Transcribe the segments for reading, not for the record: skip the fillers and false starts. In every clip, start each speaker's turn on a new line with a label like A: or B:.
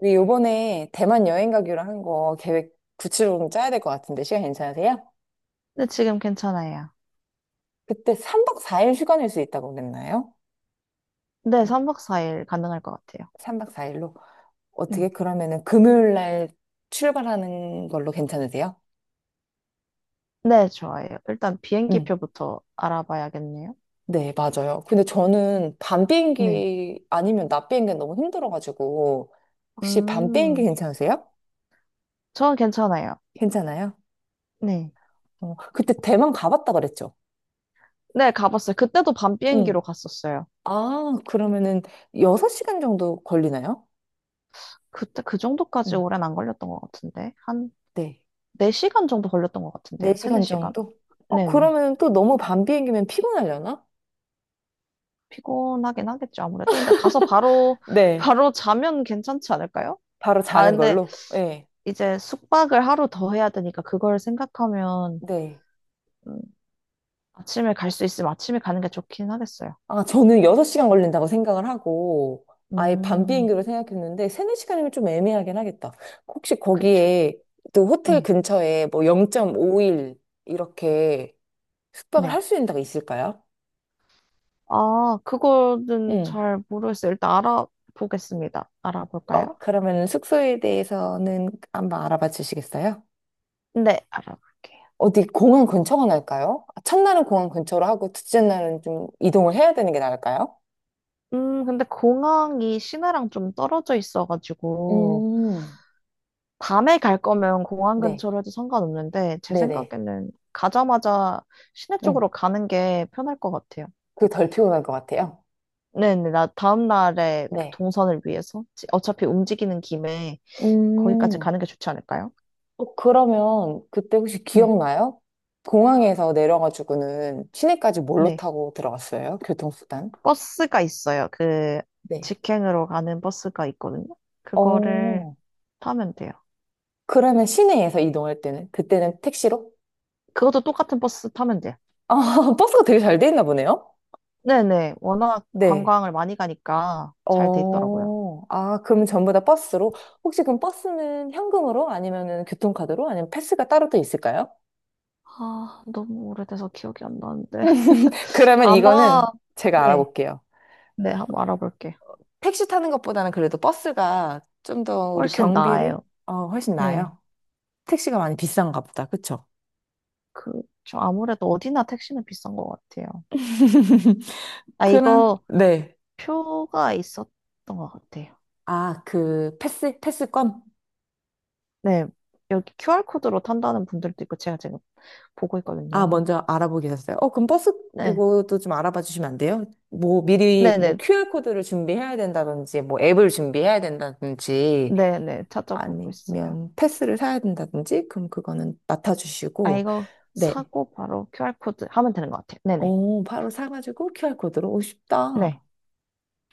A: 우리 요번에 대만 여행 가기로 한 거 계획 구체적으로 좀 짜야 될 것 같은데 시간 괜찮으세요?
B: 네, 지금 괜찮아요.
A: 그때 3박 4일 휴가 낼 수 있다고 그랬나요?
B: 네, 3박 4일 가능할 것 같아요.
A: 3박 4일로. 어떻게
B: 네.
A: 그러면은 금요일 날 출발하는 걸로 괜찮으세요?
B: 네, 좋아요. 일단
A: 음.
B: 비행기표부터 알아봐야겠네요.
A: 네, 맞아요. 근데 저는 밤
B: 네.
A: 비행기 아니면 낮 비행기는 너무 힘들어가지고 혹시 밤 비행기
B: 음,
A: 괜찮으세요?
B: 저는 괜찮아요.
A: 괜찮아요?
B: 네.
A: 어, 그때 대만 가봤다 그랬죠?
B: 네, 가봤어요. 그때도 밤
A: 응.
B: 비행기로 갔었어요.
A: 아, 그러면은 6시간 정도 걸리나요?
B: 그때 그 정도까지
A: 응,
B: 오랜 안 걸렸던 것 같은데. 한
A: 네.
B: 4시간 정도 걸렸던 것 같은데요. 3,
A: 4시간
B: 4시간?
A: 정도? 어,
B: 네네.
A: 그러면 또 너무 밤 비행기면 피곤하려나?
B: 피곤하긴 하겠죠, 아무래도. 근데 가서 바로,
A: 네.
B: 바로 자면 괜찮지 않을까요?
A: 바로
B: 아,
A: 자는
B: 근데
A: 걸로? 네.
B: 이제 숙박을 하루 더 해야 되니까 그걸 생각하면
A: 네.
B: 음, 아침에 갈 수 있으면 아침에 가는 게 좋긴 하겠어요.
A: 아, 저는 6시간 걸린다고 생각을 하고, 아예 밤
B: 음,
A: 비행기로 생각했는데, 3, 4시간이면 좀 애매하긴 하겠다. 혹시
B: 그쵸.
A: 거기에, 또 호텔
B: 네,
A: 근처에 뭐 0.5일 이렇게 숙박을 할
B: 네.
A: 수 있는 데가 있을까요?
B: 아, 그거는
A: 응.
B: 잘 모르겠어요. 일단 알아보겠습니다. 알아볼까요?
A: 어, 그러면 숙소에 대해서는 한번 알아봐 주시겠어요?
B: 네, 알아볼게요.
A: 어디 공항 근처가 나을까요? 아, 첫날은 공항 근처로 하고 둘째 날은 좀 이동을 해야 되는 게 나을까요?
B: 근데 공항이 시내랑 좀 떨어져 있어가지고,
A: 음,
B: 밤에 갈 거면 공항
A: 네,
B: 근처로 해도 상관없는데, 제
A: 네네.
B: 생각에는 가자마자 시내
A: 음,
B: 쪽으로 가는 게 편할 것 같아요.
A: 그게 덜 피곤할 것 같아요.
B: 네네, 나 다음 날에 그
A: 네.
B: 동선을 위해서 어차피 움직이는 김에 거기까지
A: 음,
B: 가는 게 좋지 않을까요?
A: 어, 그러면 그때 혹시
B: 네.
A: 기억나요? 공항에서 내려가지고는 시내까지 뭘로
B: 네.
A: 타고 들어갔어요? 교통수단?
B: 버스가 있어요. 그
A: 네.
B: 직행으로 가는 버스가 있거든요. 그거를
A: 어,
B: 타면 돼요.
A: 그러면 시내에서 이동할 때는? 그때는 택시로?
B: 그것도 똑같은 버스 타면 돼요.
A: 아, 버스가 되게 잘 돼 있나 보네요?
B: 네네. 워낙
A: 네.
B: 관광을 많이 가니까 잘 돼 있더라고요.
A: 어, 아, 그럼 전부 다 버스로? 혹시 그럼 버스는 현금으로? 아니면은 교통카드로? 아니면 패스가 따로 또 있을까요?
B: 아, 너무 오래돼서 기억이 안 나는데.
A: 그러면
B: 아마,
A: 이거는 제가
B: 네.
A: 알아볼게요.
B: 네, 한번 알아볼게요.
A: 택시 타는 것보다는 그래도 버스가 좀 더 우리
B: 훨씬
A: 경비를
B: 나아요.
A: 어, 훨씬
B: 네.
A: 나아요. 택시가 많이 비싼가 보다. 그쵸?
B: 그, 저 아무래도 어디나 택시는 비싼 것 같아요. 아,
A: 그럼,
B: 이거
A: 네.
B: 표가 있었던 것 같아요.
A: 아, 그 패스? 패스권?
B: 네. 여기 QR코드로 탄다는 분들도 있고, 제가 지금 보고
A: 아,
B: 있거든요.
A: 먼저 알아보게 됐어요. 어, 그럼 버스
B: 네.
A: 이것도 좀 알아봐 주시면 안 돼요? 뭐 미리 뭐
B: 네네,
A: QR코드를 준비해야 된다든지, 뭐 앱을 준비해야 된다든지,
B: 네네, 찾아보고 있어요.
A: 아니면 패스를 사야 된다든지, 그럼 그거는
B: 아,
A: 맡아주시고,
B: 이거
A: 네.
B: 사고 바로 QR코드 하면 되는 것 같아요. 네네,
A: 어, 바로 사가지고 QR코드로 오,
B: 네,
A: 쉽다.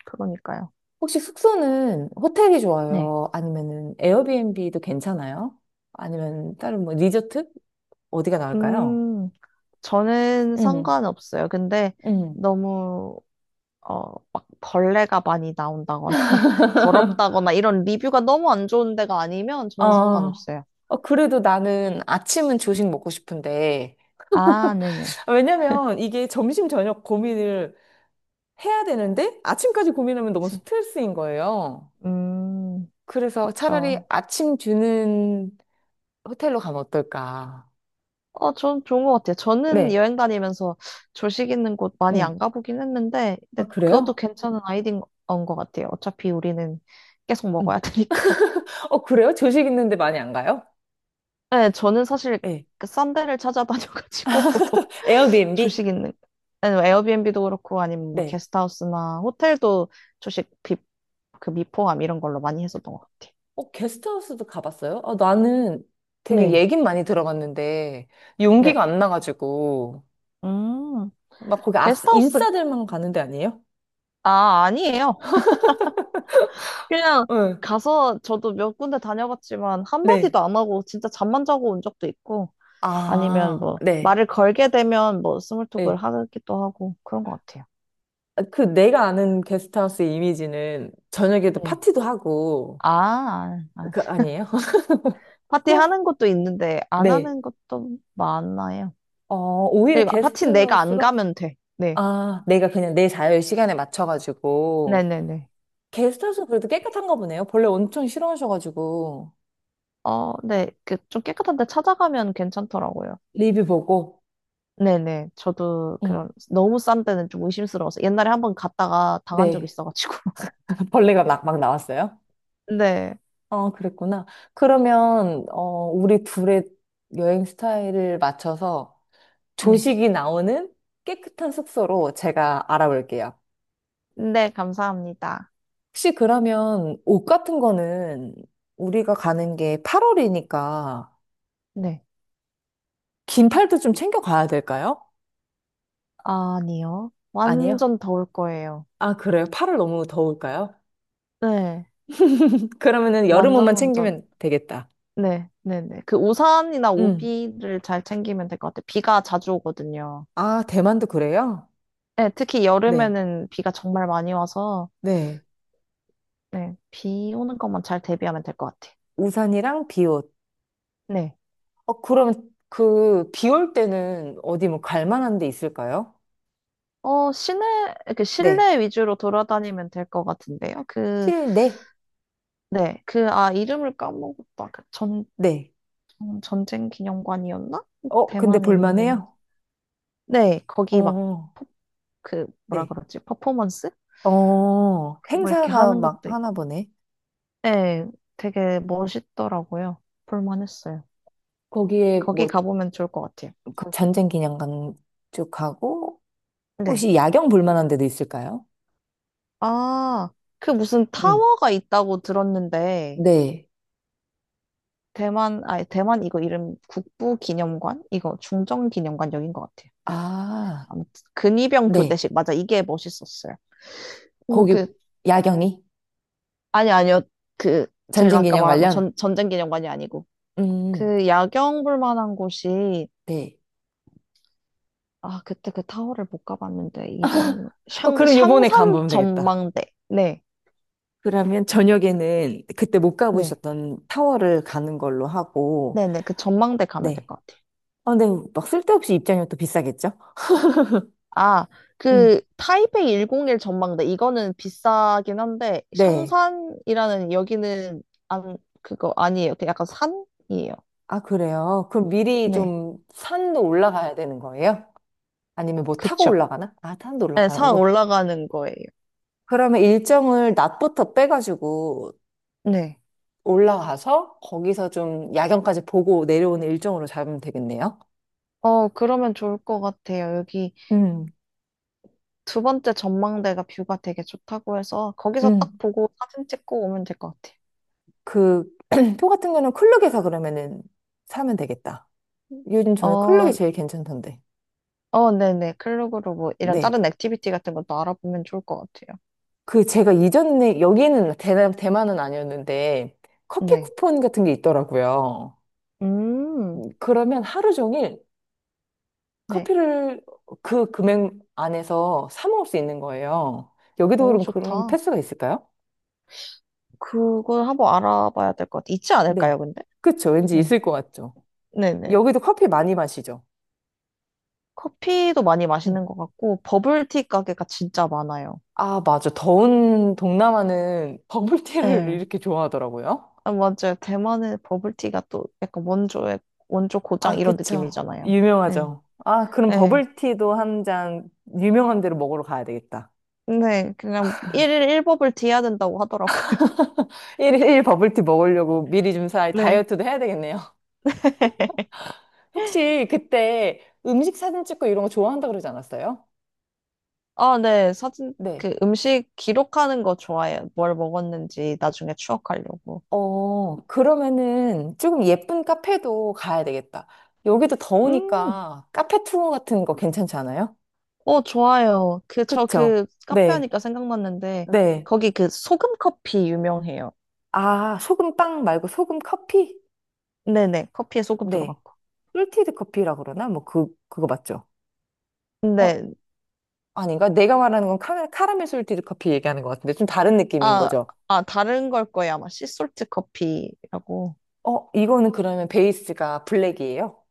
B: 그러니까요.
A: 혹시 숙소는 호텔이
B: 네.
A: 좋아요? 아니면은 에어비앤비도 괜찮아요? 아니면 다른 뭐 리조트? 어디가 나을까요?
B: 음, 저는
A: 음,
B: 상관없어요. 근데
A: 음.
B: 너무, 막 벌레가 많이 나온다거나 더럽다거나 이런 리뷰가 너무 안 좋은 데가 아니면 저는
A: 아,
B: 상관없어요.
A: 어, 그래도 나는 아침은 조식 먹고 싶은데,
B: 아, 네네.
A: 아, 왜냐면 이게 점심 저녁 고민을 해야 되는데 아침까지 고민하면 너무
B: 그치.
A: 스트레스인 거예요.
B: 음,
A: 그래서 차라리
B: 그쵸.
A: 아침 주는 호텔로 가면 어떨까?
B: 어, 전 좋은 것 같아요. 저는
A: 네.
B: 여행 다니면서 조식 있는 곳 많이
A: 응,
B: 안 가보긴 했는데,
A: 아,
B: 근데 그것도
A: 그래요?
B: 괜찮은 아이디어인 것 같아요. 어차피 우리는 계속
A: 응,
B: 먹어야 되니까.
A: 어, 그래요? 조식 있는데 많이 안 가요?
B: 네, 저는 사실
A: 네.
B: 그 싼 데를 찾아다녀가지고
A: 에어비앤비?
B: 조식 있는, 아니, 뭐 에어비앤비도 그렇고, 아니면 뭐
A: 네.
B: 게스트하우스나 호텔도 조식 비, 그 미포함 이런 걸로 많이 했었던 것 같아요.
A: 어, 게스트하우스도 가봤어요? 아, 나는 되게
B: 네,
A: 얘긴 많이 들어봤는데,
B: 네.
A: 용기가 안 나가지고,
B: 음,
A: 막 거기
B: 게스트하우스,
A: 인싸들만 가는 데 아니에요?
B: 아, 아니에요. 그냥
A: 응,
B: 가서 저도 몇 군데 다녀봤지만
A: 네,
B: 한마디도 안 하고 진짜 잠만 자고 온 적도 있고 아니면
A: 아,
B: 뭐
A: 네.
B: 말을 걸게 되면 뭐 스몰톡을
A: 예.
B: 하기도 하고 그런 것 같아요.
A: 그 내가 아는 게스트하우스 이미지는 저녁에도
B: 네.
A: 파티도 하고,
B: 아, 아,
A: 그, 아니에요?
B: 파티
A: 응,
B: 하는 것도 있는데 안
A: 네.
B: 하는 것도 많아요.
A: 어, 오히려
B: 그리고 파티는 내가 안
A: 게스트하우스가?
B: 가면 돼. 네.
A: 아, 내가 그냥 내 자유 시간에 맞춰가지고.
B: 네네네.
A: 게스트하우스 그래도 깨끗한가 보네요. 벌레 엄청 싫어하셔가지고.
B: 어, 네. 그 좀 깨끗한 데 찾아가면 괜찮더라고요.
A: 리뷰 보고,
B: 네네. 저도
A: 응.
B: 그런 너무 싼 데는 좀 의심스러워서 옛날에 한 번 갔다가 당한 적이
A: 네.
B: 있어가지고.
A: 벌레가 막, 막 나왔어요?
B: 네.
A: 아, 그랬구나. 그러면, 어, 우리 둘의 여행 스타일을 맞춰서
B: 네.
A: 조식이 나오는 깨끗한 숙소로 제가 알아볼게요.
B: 네, 감사합니다.
A: 혹시 그러면 옷 같은 거는 우리가 가는 게 8월이니까
B: 네.
A: 긴 팔도 좀 챙겨가야 될까요?
B: 아니요.
A: 아니요.
B: 완전 더울 거예요.
A: 아, 그래요? 8월 너무 더울까요?
B: 네,
A: 그러면은 여름
B: 완전
A: 옷만
B: 완전.
A: 챙기면 되겠다.
B: 네, 네, 네. 그 우산이나
A: 음.
B: 우비를 잘 챙기면 될 것 같아요. 비가 자주 오거든요.
A: 아, 대만도 그래요?
B: 네, 특히
A: 네.
B: 여름에는 비가 정말 많이 와서
A: 네.
B: 네, 비 오는 것만 잘 대비하면 될 것 같아요.
A: 우산이랑 비옷.
B: 네.
A: 어, 그러면 그, 비올 때는 어디 뭐 갈 만한 데 있을까요?
B: 어, 시내, 그
A: 네.
B: 실내 위주로 돌아다니면 될 것 같은데요. 그,
A: 실내?
B: 네, 그, 아, 이름을 까먹었다.
A: 네.
B: 전쟁 기념관이었나?
A: 어, 근데
B: 대만에 있는.
A: 볼만해요?
B: 네, 거기 막,
A: 어,
B: 퍼- 그, 뭐라
A: 네.
B: 그러지? 퍼포먼스?
A: 어,
B: 그거 이렇게
A: 행사가
B: 하는
A: 막
B: 것도
A: 하나
B: 있고.
A: 보네.
B: 네, 되게 멋있더라고요. 볼만했어요.
A: 거기에
B: 거기
A: 뭐,
B: 가보면 좋을 것 같아요.
A: 그 전쟁 기념관 쭉 가고,
B: 네.
A: 혹시 야경 볼만한 데도 있을까요?
B: 아, 그 무슨
A: 음.
B: 타워가 있다고 들었는데,
A: 네.
B: 대만, 아니, 대만 이거 이름 국부기념관? 이거 중정기념관 여긴 것 같아요.
A: 아,
B: 아무튼, 근위병
A: 네.
B: 교대식. 맞아, 이게 멋있었어요. 그리고
A: 거기
B: 그,
A: 야경이?
B: 아니, 아니요. 그, 제가
A: 전쟁
B: 아까
A: 기념
B: 말한 거
A: 관련?
B: 전쟁기념관이 아니고,
A: 음,
B: 그 야경 볼 만한 곳이
A: 네.
B: 아, 그때 그 타워를 못 가봤는데,
A: 어, 그럼 요번에
B: 샹산
A: 가보면 되겠다.
B: 전망대. 네,
A: 그러면 저녁에는 그때 못
B: 네.
A: 가보셨던 타워를 가는 걸로 하고,
B: 네네, 그 전망대 가면 될
A: 네.
B: 것 같아요.
A: 아, 근데 막 쓸데없이 입장료 또 비싸겠죠?
B: 아,
A: 음.
B: 그 타이베이 101 전망대. 이거는 비싸긴 한데,
A: 네.
B: 샹산이라는 여기는 안, 그거 아니에요. 그 약간 산이에요.
A: 아, 그래요? 그럼 미리
B: 네,
A: 좀 산도 올라가야 되는 거예요? 아니면 뭐 타고
B: 그쵸.
A: 올라가나? 아, 산도
B: 네, 산
A: 올라가고.
B: 올라가는 거예요.
A: 그러면 일정을 낮부터 빼가지고
B: 네.
A: 올라가서 거기서 좀 야경까지 보고 내려오는 일정으로 잡으면 되겠네요?
B: 어, 그러면 좋을 것 같아요. 여기
A: 음,
B: 두 번째 전망대가 뷰가 되게 좋다고 해서 거기서 딱
A: 음.
B: 보고 사진 찍고 오면 될 것 같아요.
A: 그, 표 같은 거는 클룩에서 그러면은 사면 되겠다. 요즘 저는 클룩이
B: 어,
A: 제일 괜찮던데.
B: 어, 네네. 클로그로 뭐 이런
A: 네.
B: 다른 액티비티 같은 것도 알아보면 좋을 것 같아요.
A: 그 제가 이전에, 여기는 대만, 대만은 아니었는데, 커피
B: 네.
A: 쿠폰 같은 게 있더라고요.
B: 음,
A: 그러면 하루 종일
B: 네.
A: 커피를 그 금액 안에서 사 먹을 수 있는 거예요. 여기도
B: 오,
A: 그럼 그런
B: 좋다.
A: 패스가 있을까요?
B: 그걸 한번 알아봐야 될 것 같아. 있지 않을까요,
A: 네.
B: 근데?
A: 그쵸. 왠지
B: 네.
A: 있을 것 같죠.
B: 네네.
A: 여기도 커피 많이 마시죠.
B: 커피도 많이
A: 응.
B: 마시는 것 같고, 버블티 가게가 진짜 많아요.
A: 아, 맞아. 더운 동남아는 버블티를
B: 네.
A: 이렇게 좋아하더라고요.
B: 아, 맞아요. 대만의 버블티가 또 약간 원조의, 원조 고장
A: 아,
B: 이런
A: 그쵸.
B: 느낌이잖아요. 네.
A: 유명하죠. 아, 그럼
B: 네.
A: 버블티도 한 잔 유명한 데로 먹으러 가야 되겠다.
B: 네. 그냥 일일일버블티 해야 된다고 하더라고요.
A: 일일 버블티 먹으려고 미리 좀 사, 다이어트도 해야 되겠네요.
B: 네.
A: 혹시 그때 음식 사진 찍고 이런 거 좋아한다 그러지 않았어요?
B: 아, 네. 사진,
A: 네.
B: 그 음식 기록하는 거 좋아해요. 뭘 먹었는지 나중에 추억하려고.
A: 어, 그러면은 조금 예쁜 카페도 가야 되겠다. 여기도
B: 음,
A: 더우니까 카페 투어 같은 거 괜찮지 않아요?
B: 어, 좋아요. 그, 저
A: 그쵸?
B: 그 카페
A: 네.
B: 하니까 생각났는데,
A: 네.
B: 거기 그 소금 커피 유명해요.
A: 아, 소금 빵 말고 소금 커피?
B: 네네. 커피에 소금
A: 네.
B: 들어갔고.
A: 솔티드 커피라 그러나? 뭐 그, 그거 맞죠? 어,
B: 근데,
A: 아닌가? 내가 말하는 건 카라멜 솔티드 커피 얘기하는 것 같은데 좀 다른 느낌인
B: 아,
A: 거죠?
B: 아, 다른 걸 거예요. 아마 씨솔트 커피라고.
A: 어, 이거는 그러면 베이스가 블랙이에요?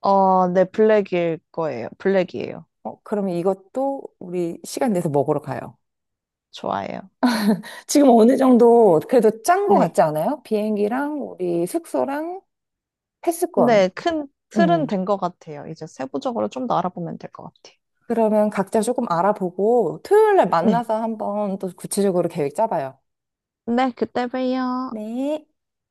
B: 어, 네. 블랙일 거예요. 블랙이에요.
A: 어, 그러면 이것도 우리 시간 내서 먹으러 가요.
B: 좋아해요.
A: 지금 어느 정도 그래도 짠 거
B: 네.
A: 같지 않아요? 비행기랑 우리 숙소랑 패스권.
B: 근데 큰 틀은
A: 음.
B: 된 것 같아요. 이제 세부적으로 좀 더 알아보면 될 것 같아요.
A: 그러면 각자 조금 알아보고 토요일 날
B: 네.
A: 만나서 한번 또 구체적으로 계획 짜봐요.
B: 네, 그때 봬요.
A: 네.